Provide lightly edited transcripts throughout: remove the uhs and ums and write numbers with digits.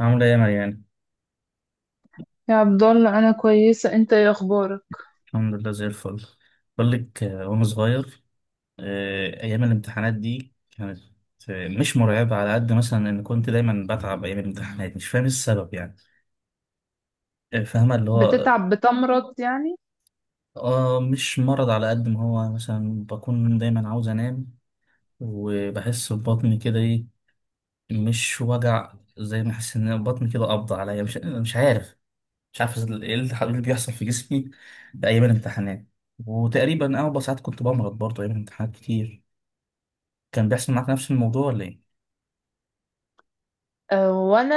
عاملة ايه يا مريان؟ يا عبد الله، انا كويسه. انت ايه اخبارك؟ الحمد لله زي الفل. بقول لك وانا صغير ايام الامتحانات دي كانت مش مرعبة على قد مثلا ان كنت دايما بتعب ايام الامتحانات، مش فاهم إيه السبب يعني. فاهمة اللي هو بتتعب، بتمرض يعني؟ اه مش مرض على قد ما هو مثلا بكون دايما عاوز انام. وبحس ببطني كده ايه، مش وجع زي ما احس ان بطني كده قبض عليا. مش عارف، ايه التحول اللي بيحصل في جسمي ايام الامتحانات. وتقريبا اغلب ساعات كنت بمرض برضه ايام الامتحانات كتير. كان بيحصل معاك نفس الموضوع ولا ايه؟ أه، وانا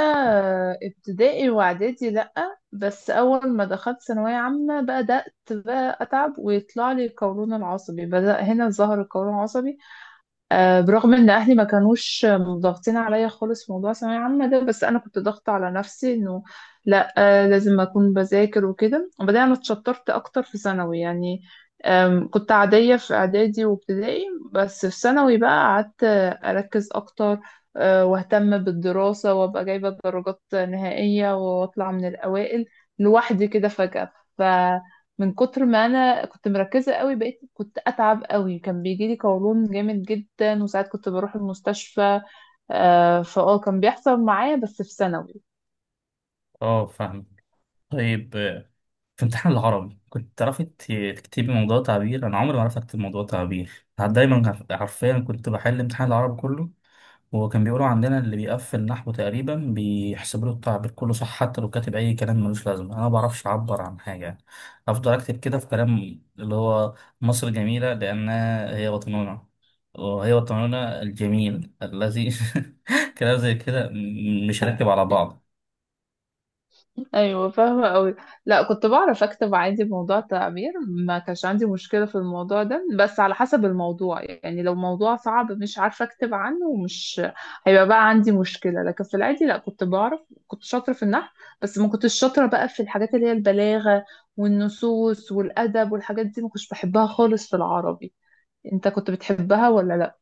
ابتدائي واعدادي لا. بس اول ما دخلت ثانويه عامه بدات بقى اتعب ويطلع لي قولون العصبي، بدا هنا ظهر القولون العصبي. برغم ان اهلي ما كانوش ضاغطين عليا خالص في موضوع ثانويه عامه ده، بس انا كنت ضاغطه على نفسي انه لا، لازم اكون بذاكر وكده. وبعدين انا اتشطرت اكتر في ثانوي يعني. كنت عاديه في اعدادي وابتدائي. بس في ثانوي بقى قعدت، اركز اكتر، واهتم بالدراسه وابقى جايبه درجات نهائيه واطلع من الاوائل لوحدي كده فجاه. من كتر ما انا كنت مركزه قوي بقيت كنت اتعب قوي، كان بيجي لي قولون جامد جدا وساعات كنت بروح المستشفى. آه، فاه كان بيحصل معايا بس في ثانوي. اه فاهم. طيب، في امتحان العربي كنت تعرفي تكتبي موضوع تعبير؟ انا عمري ما عرفت اكتب موضوع تعبير. حرفيا كنت بحل امتحان العربي كله. هو كان بيقولوا عندنا اللي بيقفل نحو تقريبا بيحسب له التعبير كله صح، حتى لو كاتب اي كلام ملوش لازمه. انا ما بعرفش اعبر عن حاجه يعني، افضل اكتب كده في كلام اللي هو مصر جميله لانها هي وطننا، وهي وطننا الجميل الذي كلام زي كده مش راكب على بعض. ايوه، فاهمه قوي. لا، كنت بعرف اكتب عادي بموضوع التعبير، ما كانش عندي مشكله في الموضوع ده، بس على حسب الموضوع. يعني لو موضوع صعب مش عارفه اكتب عنه ومش هيبقى بقى عندي مشكله، لكن في العادي لا، كنت بعرف. كنت شاطره في النحو، بس ما كنتش شاطره بقى في الحاجات اللي هي البلاغه والنصوص والادب والحاجات دي، ما كنتش بحبها خالص في العربي. انت كنت بتحبها ولا لا؟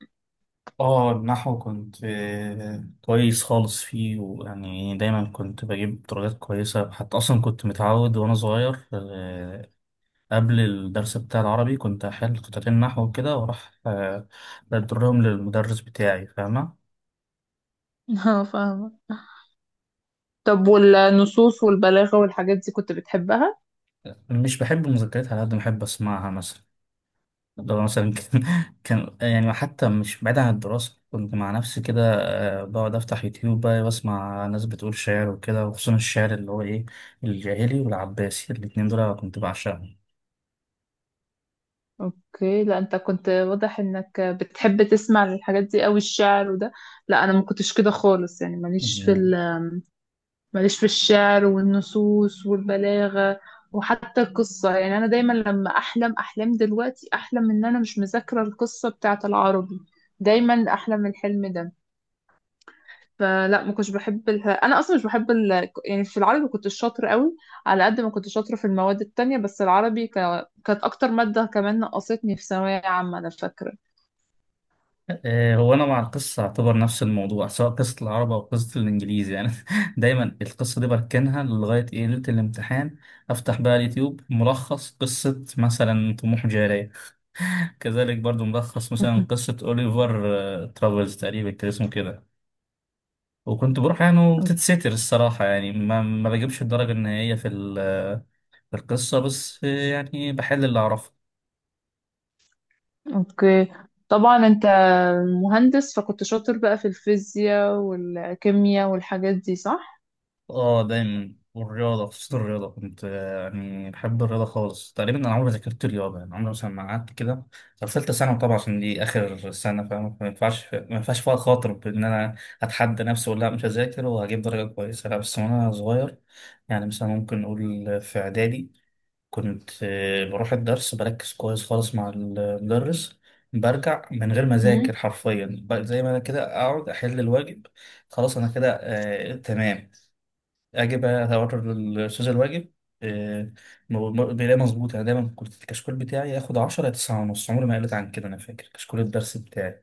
اه النحو كنت كويس خالص فيه، ويعني دايما كنت بجيب درجات كويسة. حتى أصلا كنت متعود وأنا صغير، قبل الدرس بتاع العربي كنت أحل قطعتين نحو وكده وأروح بدرهم للمدرس بتاعي، فاهمة؟ اه، فاهمة. طب والنصوص والبلاغه والحاجات دي كنت بتحبها؟ مش بحب المذكرات على قد ما بحب أسمعها مثلا. ده مثلا كان كان يعني حتى مش بعيد عن الدراسة، كنت مع نفسي كده بقعد أفتح يوتيوب بقى وأسمع ناس بتقول شعر وكده، وخصوصا الشعر اللي هو إيه الجاهلي والعباسي. الاتنين دول كنت بعشقهم. اوكي. لا، انت كنت واضح انك بتحب تسمع الحاجات دي قوي، الشعر وده. لا، انا ما كنتش كده خالص. يعني ماليش في الشعر والنصوص والبلاغة. وحتى القصة، يعني انا دايما لما احلم احلام دلوقتي احلم ان انا مش مذاكرة القصة بتاعة العربي. دايما احلم الحلم ده. فلا، ما كنتش بحب انا اصلا مش بحب يعني في العربي كنت شاطرة قوي، على قد ما كنت شاطرة في المواد التانية، بس العربي كانت اكتر مادة كمان نقصتني في ثانوية عامة، انا فاكرة. هو انا مع القصه اعتبر نفس الموضوع، سواء قصه العرب او قصه الانجليزي يعني دايما القصه دي بركنها لغايه ايه ليله الامتحان، افتح بقى اليوتيوب ملخص قصه مثلا طموح جاريه كذلك برضو ملخص مثلا قصه اوليفر ترافلز تقريبا كان اسمه كده. وكنت بروح يعني وبتتستر الصراحه، يعني ما بجيبش الدرجه النهائيه في في القصه، بس يعني بحل اللي اعرفه. اوكي. طبعا انت مهندس، فكنت شاطر بقى في الفيزياء والكيمياء والحاجات دي، صح؟ اه دايما، والرياضة خصوصا الرياضة كنت يعني بحب الرياضة خالص. تقريبا أنا عمري ما ذاكرت رياضة، يعني عمري مثلا ما قعدت كده. طب ثالثة ثانوي طبعا عشان دي آخر سنة، فاهم؟ ما ينفعش فيها خاطر بإن أنا أتحدى نفسي وأقول لا مش هذاكر وهجيب درجة كويسة. لا بس وأنا صغير يعني، مثلا ممكن نقول في إعدادي كنت بروح الدرس بركز كويس خالص مع المدرس، برجع من غير ما مم. أذاكر حرفيا، زي ما أنا كده أقعد أحل الواجب. خلاص أنا كده آه تمام، اجيب اوتر الاستاذ الواجب آه، بيلاقي مظبوط. انا دايما كنت الكشكول بتاعي ياخد 10 يا 9 ونص، عمري ما قلت عن كده. انا فاكر كشكول الدرس بتاعي،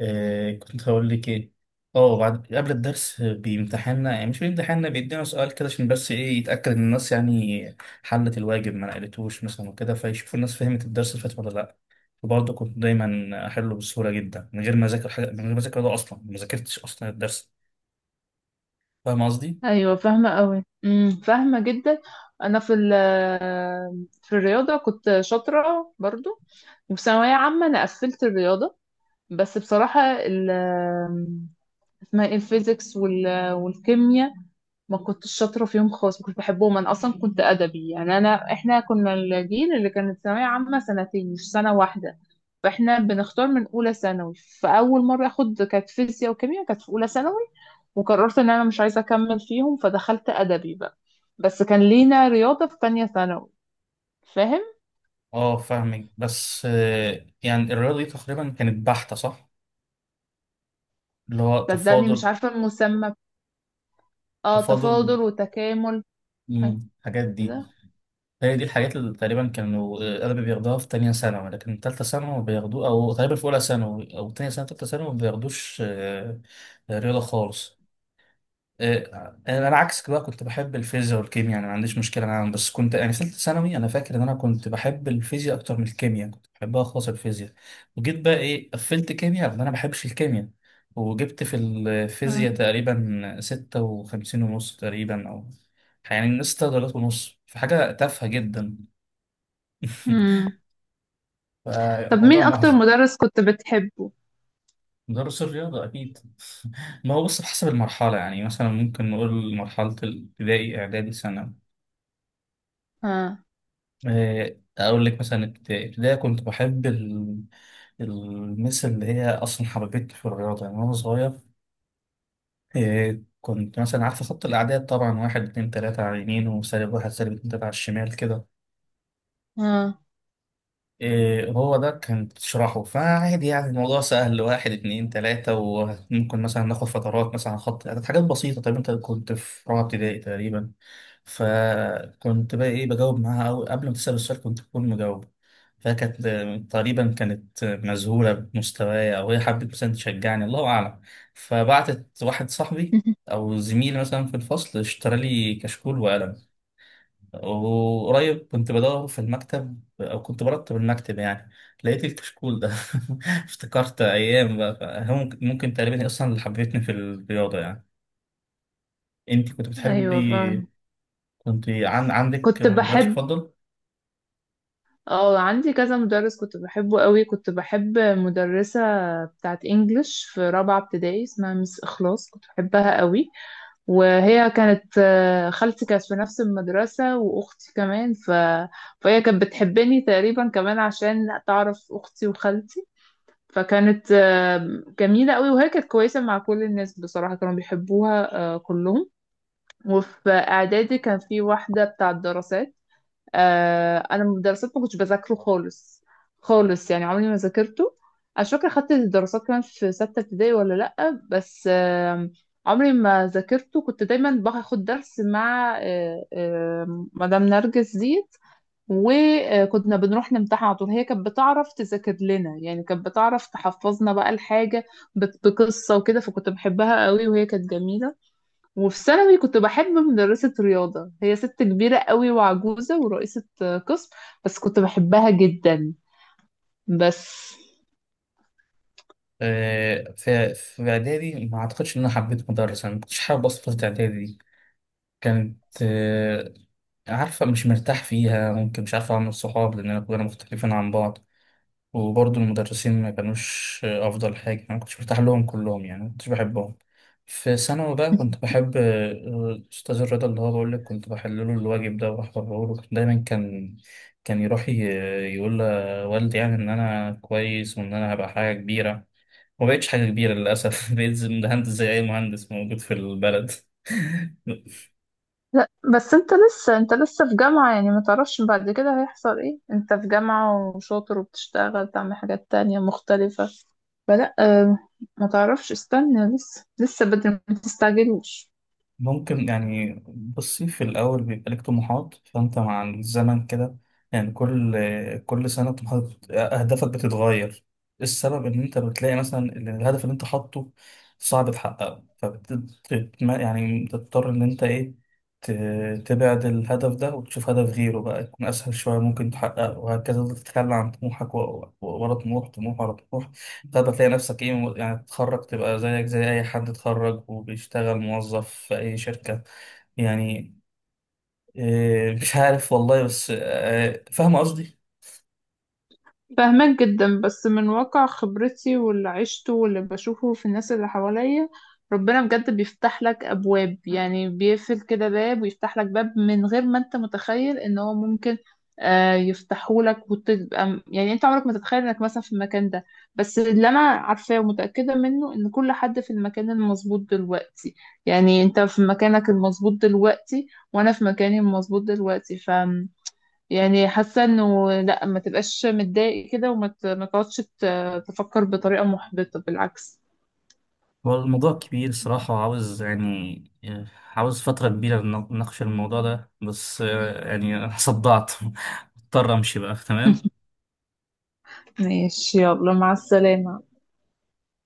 كنت هقول لك ايه؟ اه، بعد قبل الدرس بيمتحنا، يعني مش بيمتحنا، بيدينا سؤال كده عشان بس ايه يتاكد ان الناس يعني حلت الواجب، ما نقلتوش مثلا وكده، فيشوفوا الناس فهمت الدرس اللي فات ولا لا. وبرضه كنت دايما احله بسهوله جدا من غير ما اذاكر حاجه، من غير ما اذاكر، ده اصلا ما ذاكرتش اصلا الدرس، فاهم قصدي؟ ايوه، فاهمه قوي. فاهمه جدا. انا في الرياضه كنت شاطره برضو. وفي ثانويه عامه انا قفلت الرياضه. بس بصراحه، اسمها ايه، الفيزيكس والكيمياء، ما كنتش شاطرة فيهم خالص، ما كنتش بحبهم. أنا أصلا كنت أدبي. يعني إحنا كنا الجيل اللي كانت ثانوية عامة سنتين مش سنة واحدة. فإحنا بنختار من أولى ثانوي. فأول مرة أخد كانت فيزياء وكيمياء، كانت في أولى ثانوي. وقررت إن أنا مش عايزة أكمل فيهم، فدخلت أدبي بقى. بس كان لينا رياضة في تانية ثانوي، فاهم؟ اه فاهمك. بس يعني الرياضة دي تقريبا كانت بحتة، صح؟ اللي هو صدقني مش تفاضل. عارفة المسمى. اه، تفاضل، تفاضل وتكامل، حاجة مم، الحاجات دي. كده. هي دي الحاجات اللي تقريبا كانوا أغلب بياخدوها في تانية ثانوي، لكن تالتة ثانوي بياخدوه، أو تقريبا في أولى ثانوي أو تانية ثانوي، تالتة ثانوي ما بياخدوش رياضة خالص. انا عكسك بقى كنت بحب الفيزياء والكيمياء، يعني ما عنديش مشكله معاهم. بس كنت يعني في ثالثه ثانوي انا فاكر ان انا كنت بحب الفيزياء اكتر من الكيمياء، يعني كنت بحبها خالص الفيزياء. وجيت بقى ايه، قفلت كيمياء لان انا ما بحبش الكيمياء، وجبت في مم. الفيزياء تقريبا ستة وخمسين ونص تقريبا، او يعني ستة درجات ونص في حاجه تافهه جدا. مم. طب مين فالموضوع أكتر محزن. مدرس كنت بتحبه؟ مدرس الرياضة أكيد. ما هو بص، بحسب المرحلة، يعني مثلا ممكن نقول مرحلة الابتدائي إعدادي ثانوي. ها. أقول لك مثلا ابتدائي كنت بحب المس اللي هي أصلا حببتني في الرياضة يعني وأنا صغير. كنت مثلا عارفة خط الأعداد طبعا، واحد اتنين تلاتة على اليمين وسالب واحد سالب اتنين تلاتة على الشمال كده. ها. هو ده كان تشرحه فعادي، يعني الموضوع سهل، واحد اتنين تلاتة، وممكن مثلا ناخد فترات مثلا على خط الأعداد، حاجات بسيطة. طب أنت كنت في رابعة ابتدائي تقريبا، فكنت بقى ايه بجاوب معاها، أو قبل ما تسأل السؤال كنت بكون مجاوبة. فكانت تقريبا كانت مذهولة بمستواي، أو هي حبت مثلا تشجعني، الله أعلم. فبعتت واحد صاحبي أو زميلي مثلا في الفصل اشترى لي كشكول وقلم. وقريب كنت بدور في المكتب أو كنت برتب المكتب يعني، لقيت الكشكول ده افتكرت أيام بقى. فهو ممكن تقريبا هي أصلا اللي حببتني في الرياضة يعني. أنت كنت أيوة، فاهم. بتحبي؟ كنت عندك كنت مدرس بحب. مفضل؟ اه، عندي كذا مدرس كنت بحبه قوي. كنت بحب مدرسة بتاعت انجلش في رابعة ابتدائي، اسمها مس اخلاص، كنت بحبها قوي. وهي كانت، خالتي كانت في نفس المدرسة واختي كمان فهي كانت بتحبني تقريبا كمان عشان تعرف اختي وخالتي. فكانت جميلة قوي، وهي كانت كويسة مع كل الناس بصراحة، كانوا بيحبوها كلهم. وفي اعدادي كان في واحدة بتاعت دراسات. انا الدراسات ما كنتش بذاكره خالص، خالص. يعني عمري ما ذاكرته. انا مش فاكره خدت الدراسات كمان في سته ابتدائي ولا لا، بس. عمري ما ذاكرته. كنت دايما باخد درس مع مدام نرجس ديت، وكنا بنروح نمتحن على طول. هي كانت بتعرف تذاكر لنا، يعني كانت بتعرف تحفظنا بقى الحاجه بقصه وكده، فكنت بحبها قوي، وهي كانت جميله. وفي ثانوي كنت بحب مدرسة رياضة، هي ست كبيرة قوي وعجوزة ورئيسة قسم، بس كنت بحبها جدا، بس. في إعدادي ما أعتقدش إن أنا حبيت مدرسة. أنا ما كنتش حابب أصلا فترة إعدادي دي، كانت عارفة مش مرتاح فيها، ممكن مش عارف أعمل صحاب لأن كلنا مختلفين عن بعض. وبرضه المدرسين ما كانوش أفضل حاجة، أنا ما كنتش مرتاح لهم كلهم، يعني ما كنتش بحبهم. في ثانوي بقى كنت بحب الأستاذ الرضا، اللي هو بقول لك كنت بحل له الواجب ده وأحضره له. دايما كان يروح يقول لوالدي يعني إن أنا كويس وإن أنا هبقى حاجة كبيرة. ما بقتش حاجة كبيرة للأسف. بقيت مهندس زي أي مهندس موجود في البلد. لا، بس انت لسه في جامعة، يعني ما تعرفش بعد كده هيحصل ايه. انت في جامعة وشاطر وبتشتغل، تعمل حاجات تانية مختلفة. فلا، ما تعرفش، استنى لسه، لسه بدري، ما تستعجلوش. ممكن يعني، بصي، في الأول بيبقى لك طموحات، فأنت مع الزمن كده يعني كل سنة طموحات، أهدافك بتتغير. السبب إن أنت بتلاقي مثلا إن الهدف اللي أنت حاطه صعب تحققه، يعني تضطر إن أنت إيه تبعد الهدف ده وتشوف هدف غيره بقى يكون أسهل شوية ممكن تحققه، وهكذا تفضل تتخلى عن طموحك ورا طموح، طموح ورا طموح. تقدر تلاقي نفسك ايه، يعني تتخرج تبقى زيك زي اي حد اتخرج وبيشتغل موظف في اي شركة، يعني إيه، مش عارف والله. بس فاهم قصدي. فاهمك جدا، بس من واقع خبرتي واللي عشته واللي بشوفه في الناس اللي حواليا، ربنا بجد بيفتح لك أبواب. يعني بيقفل كده باب ويفتح لك باب من غير ما انت متخيل ان هو ممكن يفتحه لك. وتبقى يعني انت عمرك ما تتخيل انك مثلا في المكان ده. بس اللي انا عارفاه ومتأكدة منه ان كل حد في المكان المظبوط دلوقتي، يعني انت في مكانك المظبوط دلوقتي وانا في مكاني المظبوط دلوقتي، ف يعني حاسه انه لا، ما تبقاش متضايق كده وما ما تقعدش تفكر بطريقه محبطه، بالعكس. هو الموضوع كبير الصراحة وعاوز يعني آه، عاوز فترة كبيرة نناقش الموضوع ده. بس يعني أنا صدعت. مضطر أمشي بقى، تمام. ماشي، يلا مع السلامه.